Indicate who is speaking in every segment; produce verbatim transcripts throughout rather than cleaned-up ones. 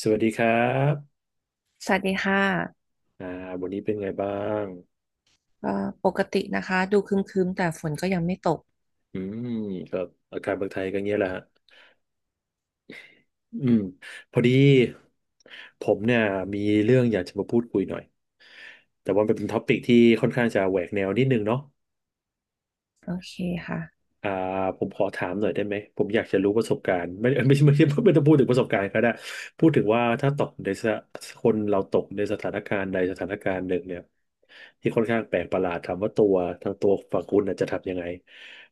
Speaker 1: สวัสดีครับ
Speaker 2: สวัสดีค่ะ
Speaker 1: อ่าวันนี้เป็นไงบ้าง
Speaker 2: เอ่อปกตินะคะดูครึ้มๆแต่ฝนก็ยังไม่ตก
Speaker 1: อืมก็อาการเมืองไทยก็เงี้ยแหละฮะอืมพอดีผมเนี่ยมีเรื่องอยากจะมาพูดคุยหน่อย แต่ว่ามันเป็นท็อปิกที่ค่อนข้างจะแหวกแนวนิดนึงเนาะ
Speaker 2: โอเคค่ะ
Speaker 1: อ่าผมขอถามหน่อยได้ไหมผมอยากจะรู้ประสบการณ์ไม่ ไม่ไม่ไม่ไม่ต้องพูดถึงประสบการณ์ก็ได้พูดถึงว่าถ้าตกในสคนเราตกในสถานการณ์ใดสถานการณ์หนึ่งเนี่ยที่ค่อนข้างแปลกประหลาดถามว่าตัวทางตัวฝั่งคุณน่ะจะทำยังไง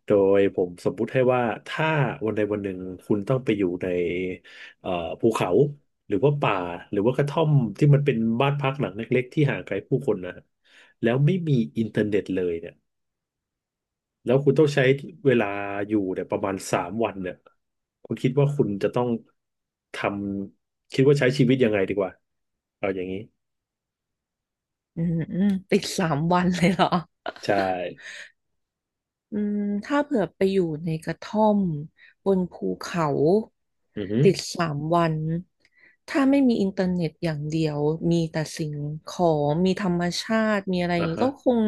Speaker 1: โดยผมสมมุติให้ว่าถ้าวันใดวันหนึ่งคุณต้องไปอยู่ในเอ่อภูเขาหรือว่าป่าหรือว่ากระท่อมที่มันเป็นบ้านพักหลังเล็กๆที่ห่างไกลผู้คนนะแล้วไม่มีอินเทอร์เน็ตเลยเนี่ย แล้วคุณต้องใช้เวลาอยู่เนี่ยประมาณสามวันเนี่ยคุณคิดว่าคุณจะต้องทำคิดว่าใช้ชีวิตยังไงดีกว่าเอาอย่างนี้
Speaker 2: อืมอืมติดสามวันเลยเหรอ
Speaker 1: ใช่
Speaker 2: อืมถ้าเผื่อไปอยู่ในกระท่อมบนภูเขา
Speaker 1: อือฮึ
Speaker 2: ติดสามวันถ้าไม่มีอินเทอร์เน็ตอย่างเดียวมีแต่สิ่งของมีธรรมชาติมีอะไรอ
Speaker 1: อ่า
Speaker 2: ย่างนี้
Speaker 1: ฮะ
Speaker 2: ก็คง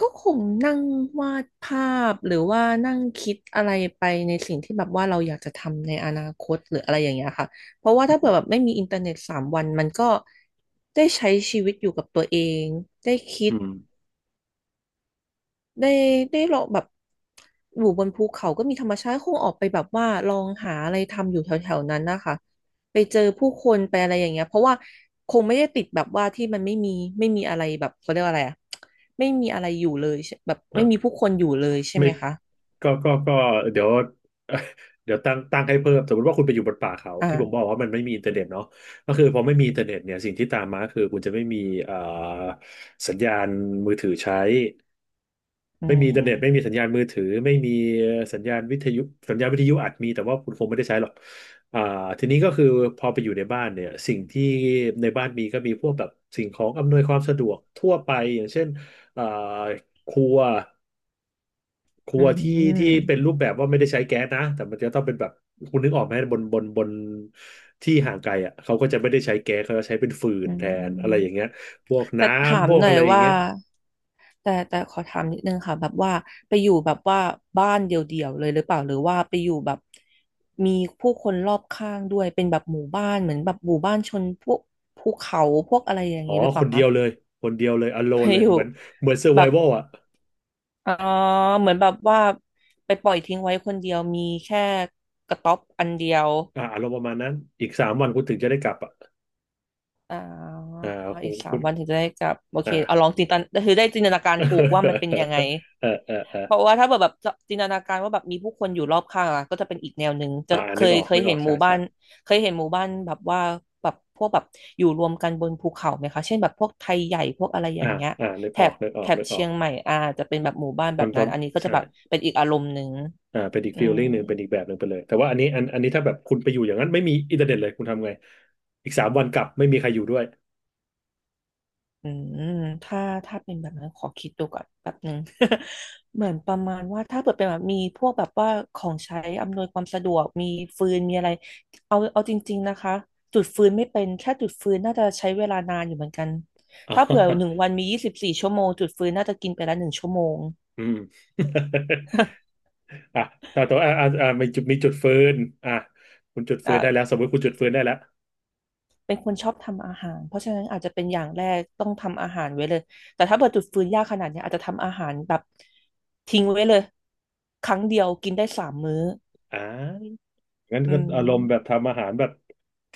Speaker 2: ก็คงนั่งวาดภาพหรือว่านั่งคิดอะไรไปในสิ่งที่แบบว่าเราอยากจะทำในอนาคตหรืออะไรอย่างเงี้ยค่ะเพราะว่าถ้าเผื่
Speaker 1: อื
Speaker 2: อแบ
Speaker 1: ม
Speaker 2: บไม่มีอินเทอร์เน็ตสามวันมันก็ได้ใช้ชีวิตอยู่กับตัวเองได้คิด
Speaker 1: อ
Speaker 2: ได้ได้ลองแบบอยู่บนภูเขาก็มีธรรมชาติคงออกไปแบบว่าลองหาอะไรทำอยู่แถวๆนั้นนะคะไปเจอผู้คนไปอะไรอย่างเงี้ยเพราะว่าคงไม่ได้ติดแบบว่าที่มันไม่มีไม่มีอะไรแบบเขาเรียกว่าอะไรอะไม่มีอะไรอยู่เลยใช่แบบไม่มี
Speaker 1: ่ะ
Speaker 2: ผู้คนอยู่เลยใช่
Speaker 1: ไม่
Speaker 2: ไหมคะ
Speaker 1: ก็ก็ก็เดี๋ยว เดี๋ยวตั้งตั้งให้เพิ่มสมมติว่าคุณไปอยู่บนป่าเขาที่ผมบอก
Speaker 2: อ่า
Speaker 1: ว่ามันไม่มีอินเทอร์เน็ตเนาะก็คือพอไม่มีอินเทอร์เน็ตเนี่ยสิ่งที่ตามมาคือคุณจะไม่มีเอ่อสัญญาณมือถือใช้
Speaker 2: อื
Speaker 1: ไม่มีอินเทอร์เน็ตไม่มี
Speaker 2: ม
Speaker 1: สัญญาณมือถือไม่มีสัญญาณวิทยุสัญญาณวิทยุอาจมีแต่ว่าคุณคงไม่ได้ใช้หรอกอ่าทีนี้ก็คือพอไปอยู่ในบ้านเนี่ยสิ่งที่ในบ้านมีก็มีพวกแบบสิ่งของอำนวยความสะดวกทั่วไปอย่างเช่นอ่าครัวครั
Speaker 2: อื
Speaker 1: วที่ที่
Speaker 2: ม
Speaker 1: เป็นรูปแบบว่าไม่ได้ใช้แก๊สนะแต่มันจะต้องเป็นแบบคุณนึกออกไหมบนบนบนที่ห่างไกลอ่ะเขาก็จะไม่ได้ใช้แก๊สเขาจะใช้เป็นฟืน
Speaker 2: อื
Speaker 1: แท
Speaker 2: ม
Speaker 1: นอะไรอย่างเงี้ยพวก
Speaker 2: แต่
Speaker 1: น้
Speaker 2: ถา
Speaker 1: ำพ
Speaker 2: ม
Speaker 1: ว
Speaker 2: ห
Speaker 1: ก
Speaker 2: น่อ
Speaker 1: อะ
Speaker 2: ย
Speaker 1: ไรอย่าง
Speaker 2: ว่า
Speaker 1: เงี้ย
Speaker 2: แต่แต่ขอถามนิดนึงค่ะแบบว่าไปอยู่แบบว่าบ้านเดี่ยวๆเลยหรือเปล่าหรือว่าไปอยู่แบบมีผู้คนรอบข้างด้วยเป็นแบบหมู่บ้านเหมือนแบบหมู่บ้านชนพวกภูเขาพวกอะไรอย่าง
Speaker 1: อ๋อ
Speaker 2: นี้หรือเป
Speaker 1: ค
Speaker 2: ล่า
Speaker 1: นเดี
Speaker 2: คะ
Speaker 1: ยวเลย คนเดียวเลย
Speaker 2: ไป
Speaker 1: alone เลย
Speaker 2: อยู่
Speaker 1: เหมือนเหมือน
Speaker 2: แบบ
Speaker 1: survival อ่ะ
Speaker 2: อ๋อเหมือนแบบว่าไปปล่อยทิ้งไว้คนเดียวมีแค่กระต๊อบอันเดียว
Speaker 1: อ่าอารมณ์ประมาณนั้นอีกสามวันคุณถึงจะได้กลับอ่ะ
Speaker 2: อ่า
Speaker 1: อ่าโห
Speaker 2: อีกสา
Speaker 1: คุ
Speaker 2: ม
Speaker 1: ณ
Speaker 2: วันถึงจะได้กลับโอเค
Speaker 1: อ่า
Speaker 2: เอาลองจินตนาคือได้จินตนาการถูกว่ามันเป็นยังไง
Speaker 1: เออเออเออ
Speaker 2: เพราะว่าถ้าแบบแบบจินตนาการว่าแบบมีผู้คนอยู่รอบข้างอะก็จะเป็นอีกแนวหนึ่งจะ
Speaker 1: อ่า
Speaker 2: เค
Speaker 1: นึก
Speaker 2: ย
Speaker 1: ออก
Speaker 2: เคย
Speaker 1: นึกอ
Speaker 2: เห็
Speaker 1: อ
Speaker 2: น
Speaker 1: ก
Speaker 2: ห
Speaker 1: ใช่
Speaker 2: มู่บ้า
Speaker 1: ใช่
Speaker 2: นเคยเห็นหมู่บ้านแบบว่าแบบพวกแบบอยู่รวมกันบนภูเขาไหมคะเช่นแบบพวกไทยใหญ่พวกอะไรอ
Speaker 1: อ่า
Speaker 2: ย่างเงี้ย
Speaker 1: อ่านึก
Speaker 2: แถ
Speaker 1: ออก
Speaker 2: บ
Speaker 1: นึกออ
Speaker 2: แถ
Speaker 1: ก
Speaker 2: บ
Speaker 1: นึกออ
Speaker 2: เชี
Speaker 1: ก
Speaker 2: ยงใหม่อาจจะเป็นแบบหมู่บ้าน
Speaker 1: ต
Speaker 2: แบ
Speaker 1: อ
Speaker 2: บ
Speaker 1: นตอ
Speaker 2: นั้น
Speaker 1: น
Speaker 2: อันนี้ก็จะ
Speaker 1: ใช่
Speaker 2: แบบเป็นอีกอารมณ์หนึ่ง
Speaker 1: อ่าเป็นอีก
Speaker 2: อื
Speaker 1: ฟีล
Speaker 2: ม
Speaker 1: ลิ่งหนึ่งเป็นอีกแบบหนึ่งไปเลยแต่ว่าอันนี้อันอันนี้ถ้าแบบคุณไปอยู่อย่างนั้นไม่มีอินเทอร์เน็ตเลยคุณทำไงอีกสามวันกลับไม่มีใครอยู่ด้วย
Speaker 2: อืมถ้าถ้าเป็นแบบนั้นขอคิดดูก่อนแป๊บหนึ่ง เหมือนประมาณว่าถ้าเปิดเป็นแบบมีพวกแบบว่าของใช้อำนวยความสะดวกมีฟืนมีอะไรเอาเอาจริงๆนะคะจุดฟืนไม่เป็นแค่จุดฟืนน่าจะใช้เวลานานอยู่เหมือนกัน
Speaker 1: อ๋
Speaker 2: ถ้าเผื่อหนึ่ง
Speaker 1: อ
Speaker 2: วันมียี่สิบสี่ชั่วโมงจุดฟืนน่าจะกินไปละหนึ่งชั่วโมง
Speaker 1: อืม อ่ะถ้าตัวอ่ะอ่ะอ่ะมีจุดมีจุดฟืนอ่ะคุณจุดฟื
Speaker 2: อ่า
Speaker 1: นได้แล้วสมมติคุณจุดฟืนได้แล้ว
Speaker 2: เป็นคนชอบทำอาหารเพราะฉะนั้นอาจจะเป็นอย่างแรกต้องทำอาหารไว้เลยแต่ถ้าเปิดจุดฟืนยากขนาดเนี้ยอาจจะทำอาหารแบบทิ้งไว้เลยครั้งเดียวกินได้สามมื้อ
Speaker 1: อ่างั้น
Speaker 2: อื
Speaker 1: ก็อารมณ์แบบ
Speaker 2: ม
Speaker 1: ทำอาหารแบบ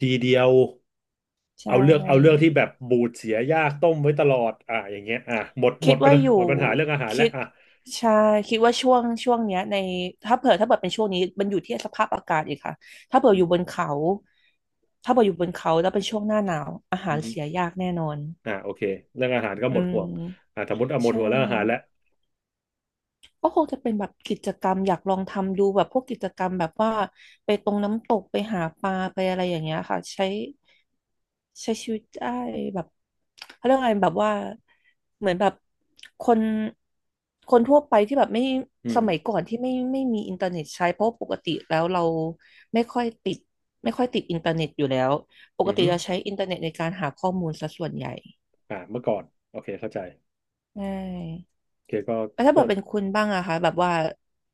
Speaker 1: ทีเดียว
Speaker 2: ใช
Speaker 1: เอาเลือกเอาเรื่อง
Speaker 2: ่
Speaker 1: ที่แบบบูดเสียยากต้มไว้ตลอดอ่ะอย่างเงี้ยอ่ะหมดหม
Speaker 2: คิ
Speaker 1: ด
Speaker 2: ด
Speaker 1: ปัญ
Speaker 2: ว่า
Speaker 1: หา
Speaker 2: อยู่
Speaker 1: หมดปัญหาเรื่องอาหารแล้
Speaker 2: คิ
Speaker 1: ว
Speaker 2: ด
Speaker 1: อ่ะ
Speaker 2: ใช่คิดว่าช่วงช่วงเนี้ยในถ้าเผื่อถ้าเผื่อเป็นช่วงนี้มันอยู่ที่สภาพอากาศอีกค่ะถ้าเผื่
Speaker 1: อื
Speaker 2: ออ
Speaker 1: ม
Speaker 2: ยู่บนเขาถ้าเผื่ออยู่บนเขาแล้วเป็นช่วงหน้าหนาวอาหา
Speaker 1: อื
Speaker 2: ร
Speaker 1: มฮึ
Speaker 2: เสียยากแน่นอน
Speaker 1: อ่ะโอเคเรื่องอาหารก็
Speaker 2: อื
Speaker 1: หมดห่วง
Speaker 2: ม
Speaker 1: อ่ะสมมติเอาหม
Speaker 2: ใช
Speaker 1: ดห่วงเรื่องอาหารแล้ว
Speaker 2: ่ก็คงจะเป็นแบบกิจกรรมอยากลองทำดูแบบพวกกิจกรรมแบบว่าไปตรงน้ำตกไปหาปลาไปอะไรอย่างเงี้ยค่ะใช้ ใช้ชีวิตได้แบบเขาเรียกว่าไงแบบว่าเหมือนแบบคนคนทั่วไปที่แบบไม่
Speaker 1: อื
Speaker 2: ส
Speaker 1: ม
Speaker 2: มัยก่อนที่ไม่ไม่มีอินเทอร์เน็ตใช้เพราะปกติแล้วเราไม่ค่อยติดไม่ค่อยติดอินเทอร์เน็ตอยู่แล้วป
Speaker 1: อื
Speaker 2: ก
Speaker 1: ม
Speaker 2: ติ
Speaker 1: ฮึ
Speaker 2: เราใช้อินเทอร์เน็ตในการหาข้อมูลซะส่วนใหญ่
Speaker 1: อ่ะเมื่อก่อนโอเคเข้าใจ
Speaker 2: ใช่
Speaker 1: โอเคก็
Speaker 2: แล้วถ้า
Speaker 1: ก็
Speaker 2: เบิเป็นคุณบ้างอะคะแบบว่า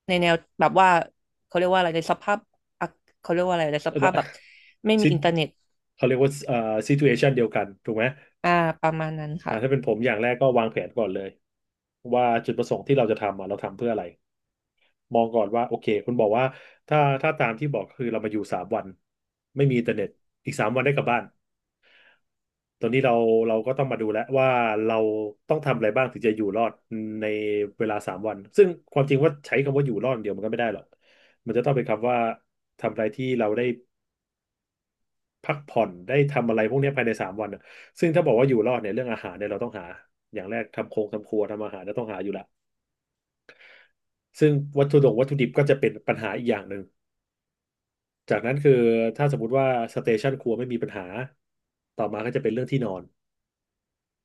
Speaker 2: ในแนวแบบว่าเขาเรียกว่าอะไรในสภาพอะเขาเรียกว่าอะไรในสภาพแบบไม่มี
Speaker 1: ซิ
Speaker 2: อินเทอร์เน็ต
Speaker 1: เขาเรียกว่าเอ่อซิทูเชันเดียวกันถูกไหม
Speaker 2: อ่าประมาณนั้น
Speaker 1: อ่าถ้า
Speaker 2: ค่ะ
Speaker 1: เป็นผมอย่างแรกก็วางแผนก่อนเลยว่าจุดประสงค์ที่เราจะทำอ่ะเราทำเพื่ออะไรมองก่อนว่าโอเคคุณบอกว่าถ้าถ้าตามที่บอกคือเรามาอยู่สามวันไม่มีอินเทอร์เน็ตอีกสามวันได้กลับบ้านตอนนี้เราเราก็ต้องมาดูแล้วว่าเราต้องทำอะไรบ้างถึงจะอยู่รอดในเวลาสามวันซึ่งความจริงว่าใช้คำว่าอยู่รอดเดียวมันก็ไม่ได้หรอกมันจะต้องเป็นคำว่าทำอะไรที่เราได้พักผ่อนได้ทำอะไรพวกเนี้ยภายในสามวันอะซึ่งถ้าบอกว่าอยู่รอดเนี่ยเรื่องอาหารเนี่ยเราต้องหาอย่างแรกทำโครงทำครัวทำอาหารจะต้องหาอยู่ละ ซึ่งวัตถุดงวัตถุดิบก็จะเป็นปัญหาอีกอย่างหนึ่ง จากนั้นคือถ้าสมมติว่าสเตชันครัวไม่มีปัญหาต่อมาก็จะเป็นเรื่องที่นอน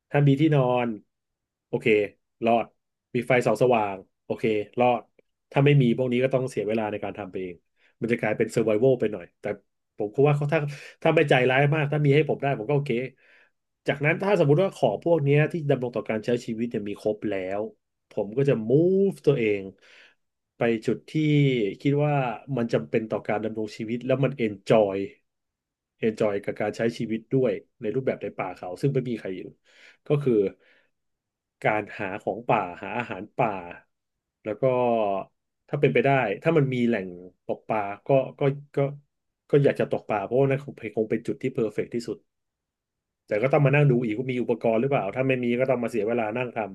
Speaker 1: ถ้ามีที่นอนโอเครอดมีไฟส่องสว่างโอเครอดถ้าไม่มีพวกนี้ก็ต้องเสียเวลาในการทำไปเองมันจะกลายเป็นเซอร์ไว a l ไปหน่อยแต่ผมคิดว่าเขาถ้าถ้าไม่ใจร้ายมากถ้ามีให้ผมได้ผมก็โอเคจากนั้นถ้าสมมุติว่าของพวกเนี้ยที่ดำรงต่อการใช้ชีวิตเนี่ยมีครบแล้วผมก็จะ move ตัวเองไปจุดที่คิดว่ามันจำเป็นต่อการดำรงชีวิตแล้วมัน enjoy enjoy กับการใช้ชีวิตด้วยในรูปแบบในป่าเขาซึ่งไม่มีใครอยู่ ก็คือการหาของป่าหาอาหารป่าแล้วก็ถ้าเป็นไปได้ถ้ามันมีแหล่งตกปลาก็ก็ก็ก็อยากจะตกปลาเพราะว่านั่นคงคงเป็นจุดที่เพอร์เฟกต์ที่สุดแต่ก็ต้องมานั่งดูอีกว่ามีอุปกรณ์หรือเปล่าถ้าไม่มีก็ต้องมาเสียเวลานั่งทำ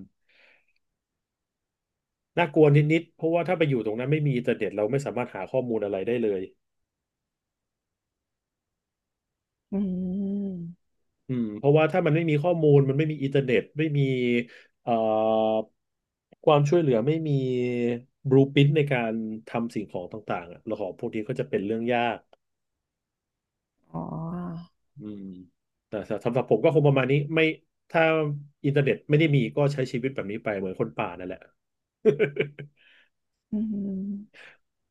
Speaker 1: น่ากลัวนิดๆเพราะว่าถ้าไปอยู่ตรงนั้นไม่มีอินเทอร์เน็ตเราไม่สามารถหาข้อมูลอะไรได้เลย
Speaker 2: อืม
Speaker 1: อืมเพราะว่าถ้ามันไม่มีข้อมูลมันไม่มีอินเทอร์เน็ตไม่มีเอ่อความช่วยเหลือไม่มีบลูพิ ไอ น ที ในการทำสิ่งของต่างๆอะแล้วของพวกนี้ก็จะเป็นเรื่องยาก
Speaker 2: อ๋อ
Speaker 1: อืมแต่สำหรับผมก็คงประมาณนี้ไม่ถ้าอินเทอร์เน็ตไม่ได้มีก็ใช้ชีวิตแบบนี้ไปเหมือนคนป่านั่นแหละ
Speaker 2: อืม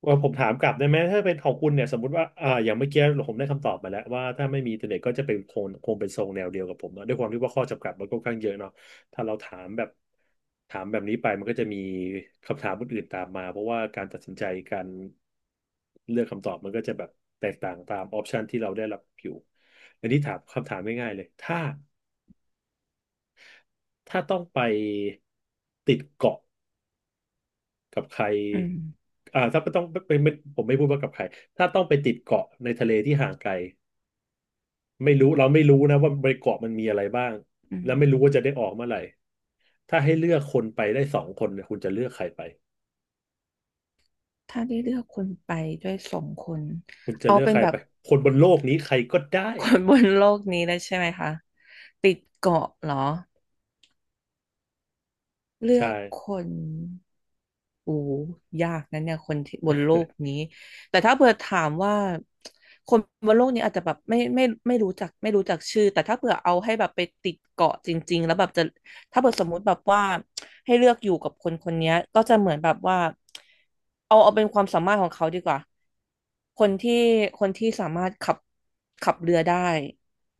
Speaker 1: ว่าผมถามกลับได้ไหมถ้าเป็นของคุณเนี่ยสมมติว่าอ่าอย่างเมื่อกี้ผมได้คำตอบมาแล้วว่าถ้าไม่มีอินเทอร์เน็ตก็จะเป็นคงคงเป็นทรงแนวเดียวกับผมเนาะด้วยความที่ว่าข้อจำกัดมันก็ค่อนข้างเยอะเนาะถ้าเราถามแบบถามแบบนี้ไปมันก็จะมีคำถามอื่นๆตามมาเพราะว่าการตัดสินใจการเลือกคำตอบมันก็จะแบบแตกต่างตามออปชันที่เราได้รับอยู่อันนี้ถามคำถามง่ายๆเลยถ้าถ้าต้องไปติดเกาะ กับใคร
Speaker 2: อืม
Speaker 1: อ่าถ้าไม่ต้องไม่ไม่ผมไม่พูดว่ากับใครถ้าต้องไปติดเกาะในทะเลที่ห่างไกลไม่รู้เราไม่รู้นะว่าบนเกาะมันมีอะไรบ้าง
Speaker 2: อืม
Speaker 1: แล้วไม่รู้ว่าจะได้ออกเมื่อไหร่ถ้าให้เลือกคนไปได้สองคนเนี่ยคุณจะเลือกใครไป
Speaker 2: ถ้าได้เลือกคนไปด้วยสองคน
Speaker 1: คุณจะ
Speaker 2: เอา
Speaker 1: เลือก
Speaker 2: เป็
Speaker 1: ใค
Speaker 2: น
Speaker 1: ร
Speaker 2: แบ
Speaker 1: ไป
Speaker 2: บ
Speaker 1: คนบนโลกนี้ใครก็ได้
Speaker 2: คนบนโลกนี้เลยใช่ไหมคะ ติดเกาะเหรอ เลื
Speaker 1: ใช่
Speaker 2: อกคน โอ้ยากนะเนี่ยคนที่บนโลกนี้ แต่ถ้าเผื่อถามว่าคนบนโลกนี้อาจจะแบบไม่ไม่ไม่รู้จักไม่รู้จักชื่อ แต่ถ้าเผื่อเอาให้แบบไปติดเกาะจริงๆแล้วแบบจะถ้าเผื่อสมมุติแบบว่าให้เลือกอยู่กับคนคนเนี้ยก็จะเหมือนแบบว่าเอาเอาเป็นความสามารถของเขาดีกว่า คนที่คนที่สามารถขับขับเรือได้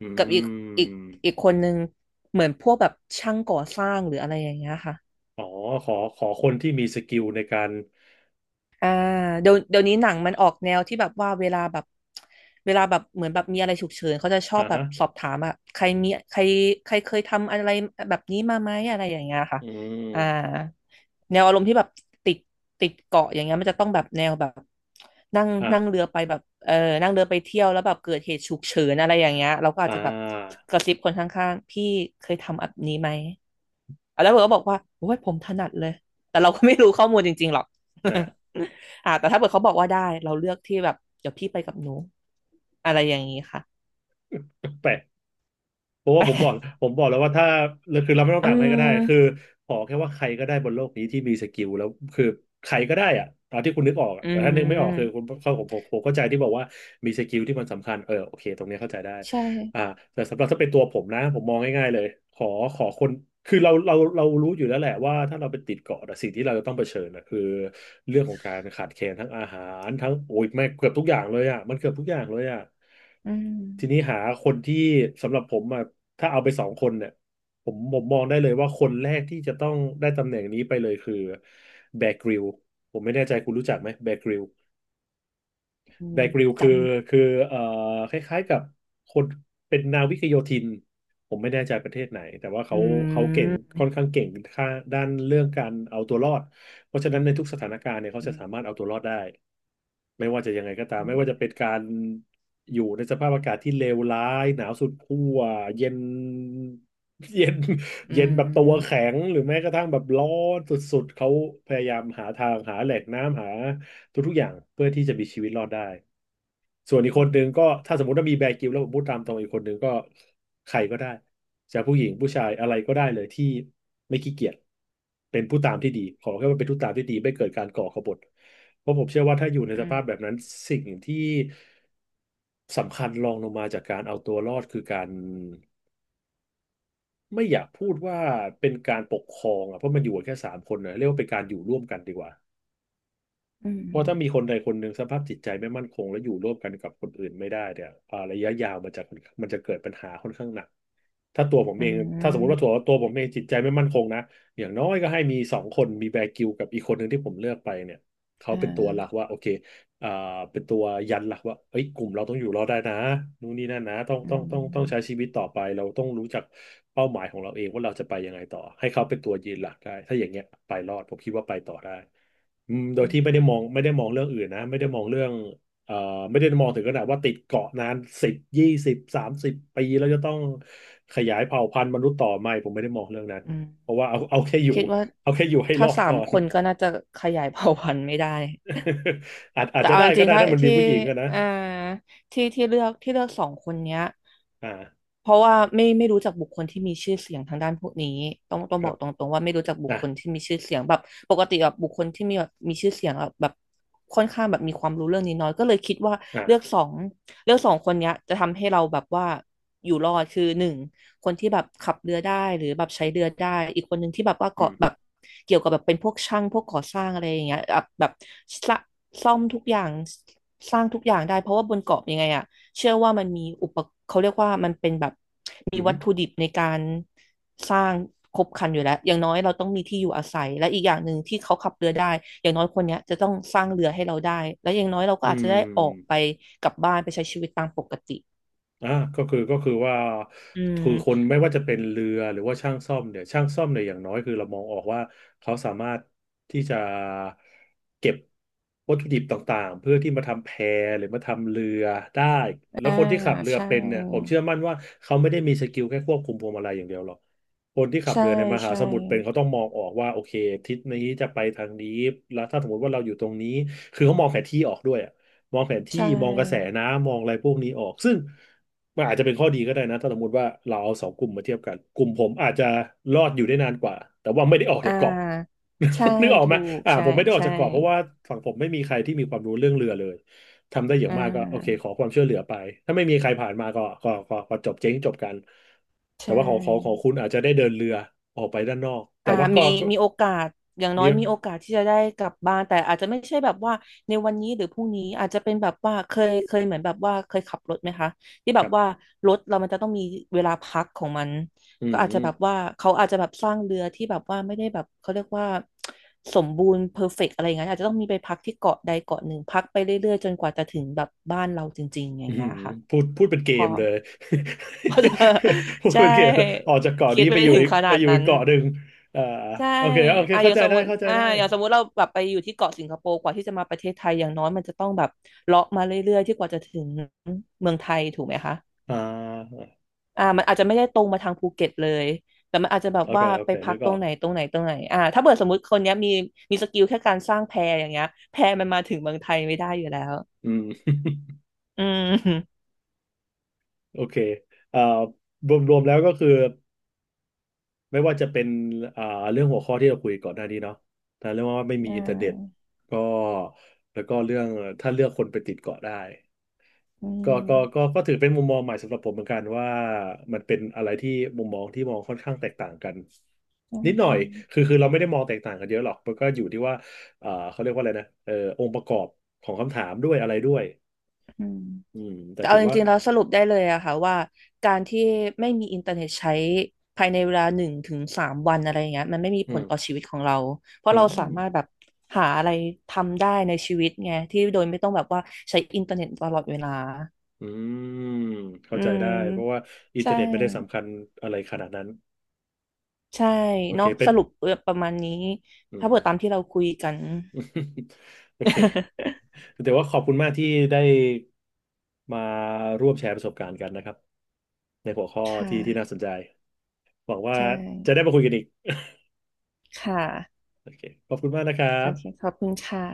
Speaker 1: อื
Speaker 2: กับอีกอี
Speaker 1: ม
Speaker 2: กอีกคนนึงเหมือนพวกแบบช่างก่อสร้างหรืออะไรอย่างเงี้ยค่ะ
Speaker 1: อ๋อขอขอคนที่มีสกิลในการ
Speaker 2: อ่าเดี๋ยวเดี๋ยวนี้หนังมันออกแนวที่แบบว่าเวลาแบบเวลาแบบเหมือนแบบมีอะไรฉุกเฉินเขาจะชอ
Speaker 1: อ่า
Speaker 2: บแบบ
Speaker 1: ฮะ
Speaker 2: สอบถามอะใครมีใครใครเคยทำอะไรแบบนี้มาไหมอะไรอย่างเงี้ยค่ะ
Speaker 1: อื
Speaker 2: อ่า
Speaker 1: ม
Speaker 2: แนวอารมณ์ที่แบบติดติดเกาะอย่างเงี้ยมันจะต้องแบบแนวแบบนั่งนั่งเรื
Speaker 1: อ่า
Speaker 2: อไปแบบเออนั่งเรือไปเที่ยวแล้วแบบเกิดเหตุฉุกเฉินอะไรอย่างเงี้ยเราก็
Speaker 1: อ่
Speaker 2: อาจจะแบบ
Speaker 1: า
Speaker 2: กระซิบคนข้างๆพี่เคยทำแบบนี้ไหม แล้วเผื่อก็บอกว่าโอ้ยผมถนัดเลย แต่เราก็ไม่รู้ข้อมูลจริงๆหรอก
Speaker 1: นะ
Speaker 2: อ่าแต่ถ้าเผื่อเขาบอกว่าได้ เราเลือกที่แบบเดี๋ยวพี่ไปกับหนูอะไรอย่างนี้ค่ะ
Speaker 1: แปลก เพราะว่า
Speaker 2: แปล
Speaker 1: ผมบอ
Speaker 2: ก
Speaker 1: กผมบอกแล้วว่าถ้าคือเราไม่ต้อง
Speaker 2: อื
Speaker 1: ถามใครก็ได้คือ
Speaker 2: ม
Speaker 1: ขอแค่ว่าใครก็ได้บนโลกนี้ที่มีสกิลแล้วคือใครก็ได้อะตามที่คุณนึกออกอะ
Speaker 2: อื
Speaker 1: แต่ถ้านึกไม่ออกคือคุ
Speaker 2: ม
Speaker 1: ณเข้าผมผมผมเข้าใจที่บอกว่ามีสกิลที่มันสำคัญเออโอเคตรงนี้เข้าใจได้
Speaker 2: ใช
Speaker 1: อ่า
Speaker 2: ่
Speaker 1: แต่สำหรับถ้าเป็นตัวผมนะผมมองง่ายๆเลยขอขอคนคือเราเราเรารู้อยู่แล้วแหละว่าถ้าเราไปติดเกาะอะสิ่งที่เราจะต้องเผชิญนะคือเรื่องของการขาดแคลนทั้งอาหารทั้งโอ้ยแม่งเกือบทุกอย่างเลยอ่ะมันเกือบทุกอย่างเลยอ่ะ
Speaker 2: อืม
Speaker 1: ทีนี้หาคนที่สำหรับผมอ่ะถ้าเอาไปสองคนเนี่ยผมผมมองได้เลยว่าคนแรกที่จะต้องได้ตำแหน่งนี้ไปเลยคือแบร์กริลผมไม่แน่ใจคุณรู้จักไหมแบร์กริล
Speaker 2: อื
Speaker 1: แบ
Speaker 2: ม
Speaker 1: กริลคื
Speaker 2: จำ
Speaker 1: อคือเอ่อคล้ายๆกับคนเป็นนาวิกโยธินผมไม่แน่ใจประเทศไหนแต่ว่า
Speaker 2: อื
Speaker 1: เขาเขาเก่ง
Speaker 2: ม
Speaker 1: ค่อนข้างเก่งค่าด้านเรื่องการเอาตัวรอดเพราะฉะนั้นในทุกสถานการณ์เนี่ยเขาจะ
Speaker 2: อืม
Speaker 1: สามารถเอาตัวรอดได้ไม่ว่าจะยังไงก็ตาม
Speaker 2: อื
Speaker 1: ไม่ว่าจะ
Speaker 2: ม
Speaker 1: เป็นการอยู่ในสภาพอากาศที่เลวร้ายหนาวสุดขั้วเย็น เย็น
Speaker 2: อื
Speaker 1: เย็นแบบตัว
Speaker 2: ม
Speaker 1: แข็งหรือแม้กระทั่งแบบร้อนสุดๆเขาพยายามหาทางหาแหล่งน้ำหา ทุกๆอย่างเพื่อที่จะมีชีวิตรอดได้ ส่วนอีกคนหนึ่งก็ถ้าสมมติว่ามีแบร์กริลส์แล้วผมพูดตามตรงอีกคนหนึ่งก็ใครก็ได้จะผู้หญิงผู้ชายอะไรก็ได้เลยที่ไม่ขี้เกียจเป็นผู้ตามที่ดีขอแค่ว่าเป็นผู้ตามที่ดีไม่เกิดการก่อขบฏเพราะผมเชื่อว่าถ้าอยู่ในส
Speaker 2: อืม
Speaker 1: ภาพแบบนั้นสิ่งที่สำคัญรองลงมาจากการเอาตัวรอดคือการไม่อยากพูดว่าเป็นการปกครองอ่ะเพราะมันอยู่กันแค่สามคนนะเรียกว่าเป็นการอยู่ร่วมกันดีกว่า
Speaker 2: อืม
Speaker 1: เพราะถ้ามีคนใดคนหนึ่งสภาพจิตใจไม่มั่นคงและอยู่ร่วมกันกับคนอื่นไม่ได้เนี่ยอ่าระยะยาวมันจะมันจะเกิดปัญหาค่อนข้างหนัก ถ้าตัวผม
Speaker 2: อื
Speaker 1: เองถ้าสมมติว่าตั
Speaker 2: ม
Speaker 1: วตัวผมเองจิตใจไม่มั่นคงนะอย่างน้อยก็ให้มีสองคนมีแบร์กิลกับอีกคนหนึ่งที่ผมเลือกไปเนี่ยเขา
Speaker 2: อ่
Speaker 1: เป็นตัว
Speaker 2: า
Speaker 1: หลักว่าโอเคอ่าเป็นตัวยันหลักว่าเอ้ยกลุ่มเราต้องอยู่รอดได้นะนู่นนี่นั่นนะต้อง
Speaker 2: อื
Speaker 1: ต้องต้องต้องใช้
Speaker 2: ม
Speaker 1: ชีวิตต่อไปเราต้องรู้จักเป้าหมายของเราเองว่าเราจะไปยังไงต่อให้เขาเป็นตัวยืนหลักได้ถ้าอย่างเงี้ยไปรอดผมคิดว่าไปต่อได้อืมโดย
Speaker 2: อื
Speaker 1: ที่ไม่ได้
Speaker 2: ม
Speaker 1: มองไม่ได้มองเรื่องอื่นนะไม่ได้มองเรื่อง เอ่อไม่ได้มองถึงขนาดว่าติดเกาะนานสิบยี่สิบสามสิบปีแล้วจะต้องขยายเผ่าพันธุ์มนุษย์ต่อไม่ผมไม่ได้มองเรื่องนั้น
Speaker 2: อืม
Speaker 1: เพราะว่าเอาเอาแค่อยู่
Speaker 2: คิดว่า
Speaker 1: เอาแค่อยู่ให้ร
Speaker 2: ถ้า
Speaker 1: อด
Speaker 2: สา
Speaker 1: ก่
Speaker 2: ม
Speaker 1: อน
Speaker 2: คนก็น่าจะขยายเผ่าพันธุ์ไม่ได้
Speaker 1: อาจอาจ
Speaker 2: แต่
Speaker 1: จะ
Speaker 2: เอา
Speaker 1: ได้
Speaker 2: จ
Speaker 1: ก็
Speaker 2: ริง
Speaker 1: ได้
Speaker 2: ๆถ้า
Speaker 1: ถ้ามันมี
Speaker 2: ที่
Speaker 1: ผู้หญิงอะนะ
Speaker 2: เอ่อที่ที่เลือกที่เลือกสองคนเนี้ย
Speaker 1: อ่า
Speaker 2: เพราะว่าไม่ไม่รู้จักบุคคลที่มีชื่อเสียงทางด้านพวกนี้ต้องต้อง
Speaker 1: ค
Speaker 2: บ
Speaker 1: รั
Speaker 2: อ
Speaker 1: บ
Speaker 2: กตรงๆว่าไม่รู้จักบุค
Speaker 1: อ่ะ
Speaker 2: คลที่มีชื่อเสียงแบบปกติแบบบุคคลที่มีแบบมีชื่อเสียงอะแบบค่อนข้างแบบมีความรู้เรื่องนี้น้อยก็เลยคิดว่า
Speaker 1: อ่ะ
Speaker 2: เลือกสองเลือกสองคนเนี้ยจะทำให้เราแบบว่าอยู่รอดคือหนึ่ง คนที่แบบขับเรือได้หรือแบบใช้เรือได้อีกคนหนึ่งที่แบบว่า
Speaker 1: อื
Speaker 2: เกาะแบบ
Speaker 1: ม
Speaker 2: เกี่ยวกับแบบเป็นพวกช่างพวกก่อสร้างอะไรอย่างเงี้ยแบบแบบสะซ่อมทุกอย่างสร้างทุกอย่างได้เพราะว่าบนเกาะยังไงอะเชื่อว่ามันมีอุปเขาเรียกว่ามันเป็นแบบ
Speaker 1: อื
Speaker 2: มีวัตถุ
Speaker 1: ม
Speaker 2: ดิบในการสร้างครบครันอยู่แล้วอย่างน้อยเราต้องมีที่อยู่อาศัยและอีกอย่างหนึ่งที่เขาขับเรือได้อย่างน้อยคนเนี้ยจะต้องสร้างเรือให้เราได้และอย่างน้อยเราก็
Speaker 1: อื
Speaker 2: อาจจะ
Speaker 1: ม
Speaker 2: ได้ออกไปกลับบ้านไปใช้ชีวิตตามปกติ
Speaker 1: อ่าก็คือก็คือว่า
Speaker 2: อื
Speaker 1: คื
Speaker 2: ม
Speaker 1: อคนไม่ว่าจะเป็นเรือหรือว่าช่างซ่อมเนี่ยช่างซ่อมเนี่ยอย่างน้อยคือเรามองออกว่าเขาสามารถที่จะเก็บวัตถุดิบต่างๆเพื่อที่มาทำแพหรือมาทำเรือได้แล้ว
Speaker 2: อ่า
Speaker 1: คนที่ขับเรือ
Speaker 2: ใช่
Speaker 1: เป็นเนี่ยผมเชื่อมั่นว่าเขาไม่ได้มีสกิลแค่ควบคุมพวงมาลัยอย่างเดียวหรอกคนที่ขับ
Speaker 2: ใช่
Speaker 1: เรือในมหา
Speaker 2: ใช่
Speaker 1: สมุทรเป็นเขาต้องมองออกว่าโอเคทิศนี้จะไปทางนี้แล้วถ้าสมมติว่าเราอยู่ตรงนี้คือเขามองแผนที่ออกด้วยอะ มองแผน
Speaker 2: ใช
Speaker 1: ที่มองกระแส
Speaker 2: ่
Speaker 1: น้ำมองอะไรพวกนี้ออกซึ่งมันอาจจะเป็นข้อดีก็ได้นะถ้าสมมติว่าเราเอาสองกลุ่มมาเทียบกันกลุ่มผมอาจจะรอดอยู่ได้นานกว่าแต่ว่าไม่ได้ออก
Speaker 2: อ่
Speaker 1: จากเกาะ
Speaker 2: าใช่
Speaker 1: นึกออกไหม
Speaker 2: ถูก
Speaker 1: อ่า
Speaker 2: ใช่
Speaker 1: ผมไม่ได้ออก
Speaker 2: ใช่
Speaker 1: จากเกาะเพราะว่าฝั่งผมไม่มีใครที่มีความรู้เรื่องเรือเลยทำได้อย่าง
Speaker 2: อ่
Speaker 1: มากก็โอเค
Speaker 2: า
Speaker 1: ขอความช่วยเหลือไปถ้าไม่มีใครผ่านมาก็ก็ก็ก็จบเจ๊งจบกันแต่
Speaker 2: ใช่
Speaker 1: ว่าของของของคุณอาจจะได้เดินเรือออกไปด้านนอกแต่
Speaker 2: อ่า
Speaker 1: ว่าก็
Speaker 2: มี
Speaker 1: ก็
Speaker 2: มีโอกาสอย่างน้อ
Speaker 1: มี
Speaker 2: ยมีโอกาสที่จะได้กลับบ้านแต่อาจจะไม่ใช่แบบว่าในวันนี้หรือพรุ่งนี้อาจจะเป็นแบบว่าเคยเคยเหมือนแบบว่าเคยขับรถไหมคะที่แบ
Speaker 1: ค
Speaker 2: บ
Speaker 1: รับ
Speaker 2: ว่ารถเรามันจะต้องมีเวลาพักของมัน
Speaker 1: อื
Speaker 2: ก็อาจจะแบบ
Speaker 1: ม
Speaker 2: ว่าเขาอาจจะแบบสร้างเรือที่แบบว่าไม่ได้แบบเขาเรียกว่าสมบูรณ์เพอร์เฟกต์อะไรอย่างนงี้ยอาจจะต้องมีไปพักที่เกาะใดเกาะหนึ่งพักไปเรื่อยๆจนกว่าจะถึงแบบบ้านเราจริงๆอ
Speaker 1: อื
Speaker 2: ย่างเงี้
Speaker 1: ม
Speaker 2: ยค่ะ
Speaker 1: พูดพูดเป็นเก
Speaker 2: พอ
Speaker 1: มเลย
Speaker 2: พอจะ
Speaker 1: พู ด
Speaker 2: ใช่
Speaker 1: เป็นเกมเลยออกจากเกาะ
Speaker 2: คิด
Speaker 1: นี้ไปอ
Speaker 2: ไม่
Speaker 1: ยู่
Speaker 2: ถึง
Speaker 1: อีก
Speaker 2: ข
Speaker 1: ไป
Speaker 2: นาด
Speaker 1: อยู่อี
Speaker 2: นั้
Speaker 1: ก
Speaker 2: น
Speaker 1: เกาะหนึ่งอ่า
Speaker 2: ใช่
Speaker 1: โอเคโอเค
Speaker 2: อ่ะอ
Speaker 1: เข้า
Speaker 2: ย่าง
Speaker 1: ใจ
Speaker 2: สม
Speaker 1: ได้
Speaker 2: มติ
Speaker 1: เข้าใจ
Speaker 2: อ่ะ
Speaker 1: ได้
Speaker 2: อย่างสมมติเราแบบไปอยู่ที่เกาะสิงคโปร์กว่าที่จะมาประเทศไทยอย่างน้อยมันจะต้องแบบเลาะมาเรื่อยๆที่กว่าจะถึงเมืองไทยถูกไหมคะ
Speaker 1: อ่า
Speaker 2: อ่ะมันอาจจะไม่ได้ตรงมาทางภูเก็ตเลยแต่มันอาจจะแบบ
Speaker 1: โอเค
Speaker 2: ว่า
Speaker 1: โอ
Speaker 2: ไป
Speaker 1: เค
Speaker 2: พั
Speaker 1: นึ
Speaker 2: ก
Speaker 1: ก
Speaker 2: ต
Speaker 1: อ
Speaker 2: ร
Speaker 1: อ
Speaker 2: ง
Speaker 1: ก
Speaker 2: ไหนตรงไหนตรงไหนอ่ะถ้าเกิดสมมติคนเนี้ยมีมีสกิลแค่การสร้างแพอย่างเงี้ยแพมันมาถึงเมืองไทยไม่ได้อยู่แล้ว
Speaker 1: อืม
Speaker 2: อืม
Speaker 1: โอเคเอ่ารวมรวมแล้วก็คือไม่ว่าจะเป็นอ่าเรื่องหัวข้อที่เราคุยก่อนหน้านี้เนาะแต่เรื่องว่าไม่มี
Speaker 2: อ่
Speaker 1: อินเทอร์เน็ต
Speaker 2: า
Speaker 1: ก็แล้วก็เรื่องถ้าเลือกคนไปติดเกาะได้
Speaker 2: อื
Speaker 1: ก็ก็ก็
Speaker 2: ม
Speaker 1: ก็ถือเป็นมุมมองใหม่สำหรับผมเหมือนกันว่ามันเป็นอะไรที่มุมมองที่มองค่อนข้างแตกต่างกัน
Speaker 2: อื
Speaker 1: นิดหน่อยคือ
Speaker 2: ม
Speaker 1: คือเราไม่ได้มองแตกต่างกันเยอะหรอกมันก็อยู่ที่ว่าเอ่อเขาเรียกว่าอะไรนะเอ่อองค์ประกอบของคำถามด้วยอะไรด้วย
Speaker 2: อืม
Speaker 1: อืมแต่
Speaker 2: เอา
Speaker 1: ถือ
Speaker 2: จ
Speaker 1: ว่า
Speaker 2: ริงๆแล้วสรุปได้เลยอะค่ะว่าการที่ไม่มีอินเทอร์เน็ตใช้ภายในเวลาหนึ่งถึงสามวันอะไรอย่างเงี้ยมันไม่มี
Speaker 1: อื
Speaker 2: ผลต่อ
Speaker 1: ม
Speaker 2: ชีวิตของเราเพ
Speaker 1: อื
Speaker 2: ราะเราสา
Speaker 1: ม
Speaker 2: มารถแบบหาอะไรทำได้ในชีวิตไงที่โดยไม่ต้องแบบว่าใช้อินเทอร์เน็ตตลอดเวลา
Speaker 1: อืม
Speaker 2: อื
Speaker 1: เข้าใจได้เพราะว่า
Speaker 2: ม
Speaker 1: อินเทอ
Speaker 2: ใช่
Speaker 1: ร์เน็ตไม่ได้สำคัญอะไรขนาดนั้น
Speaker 2: ใช่
Speaker 1: โอเค
Speaker 2: เนาะ
Speaker 1: เป็
Speaker 2: ส
Speaker 1: น
Speaker 2: รุปเออประมาณนี้
Speaker 1: อื
Speaker 2: ถ้า
Speaker 1: ม
Speaker 2: เปิดตามที่เราคุยกัน
Speaker 1: โอเค แต่ว่าขอบคุณมากที่ได้มาร่วมแชร์ประสบการณ์กันนะครับในหัวข้อ
Speaker 2: ค่ะ
Speaker 1: ที่ที่น่าสนใจหวังว่า
Speaker 2: ใช่
Speaker 1: จะได้มาคุยกันอีก
Speaker 2: ค่ะ
Speaker 1: โอเคขอบคุณมากนะครั
Speaker 2: โอ
Speaker 1: บ
Speaker 2: เคขอบคุณค่ะ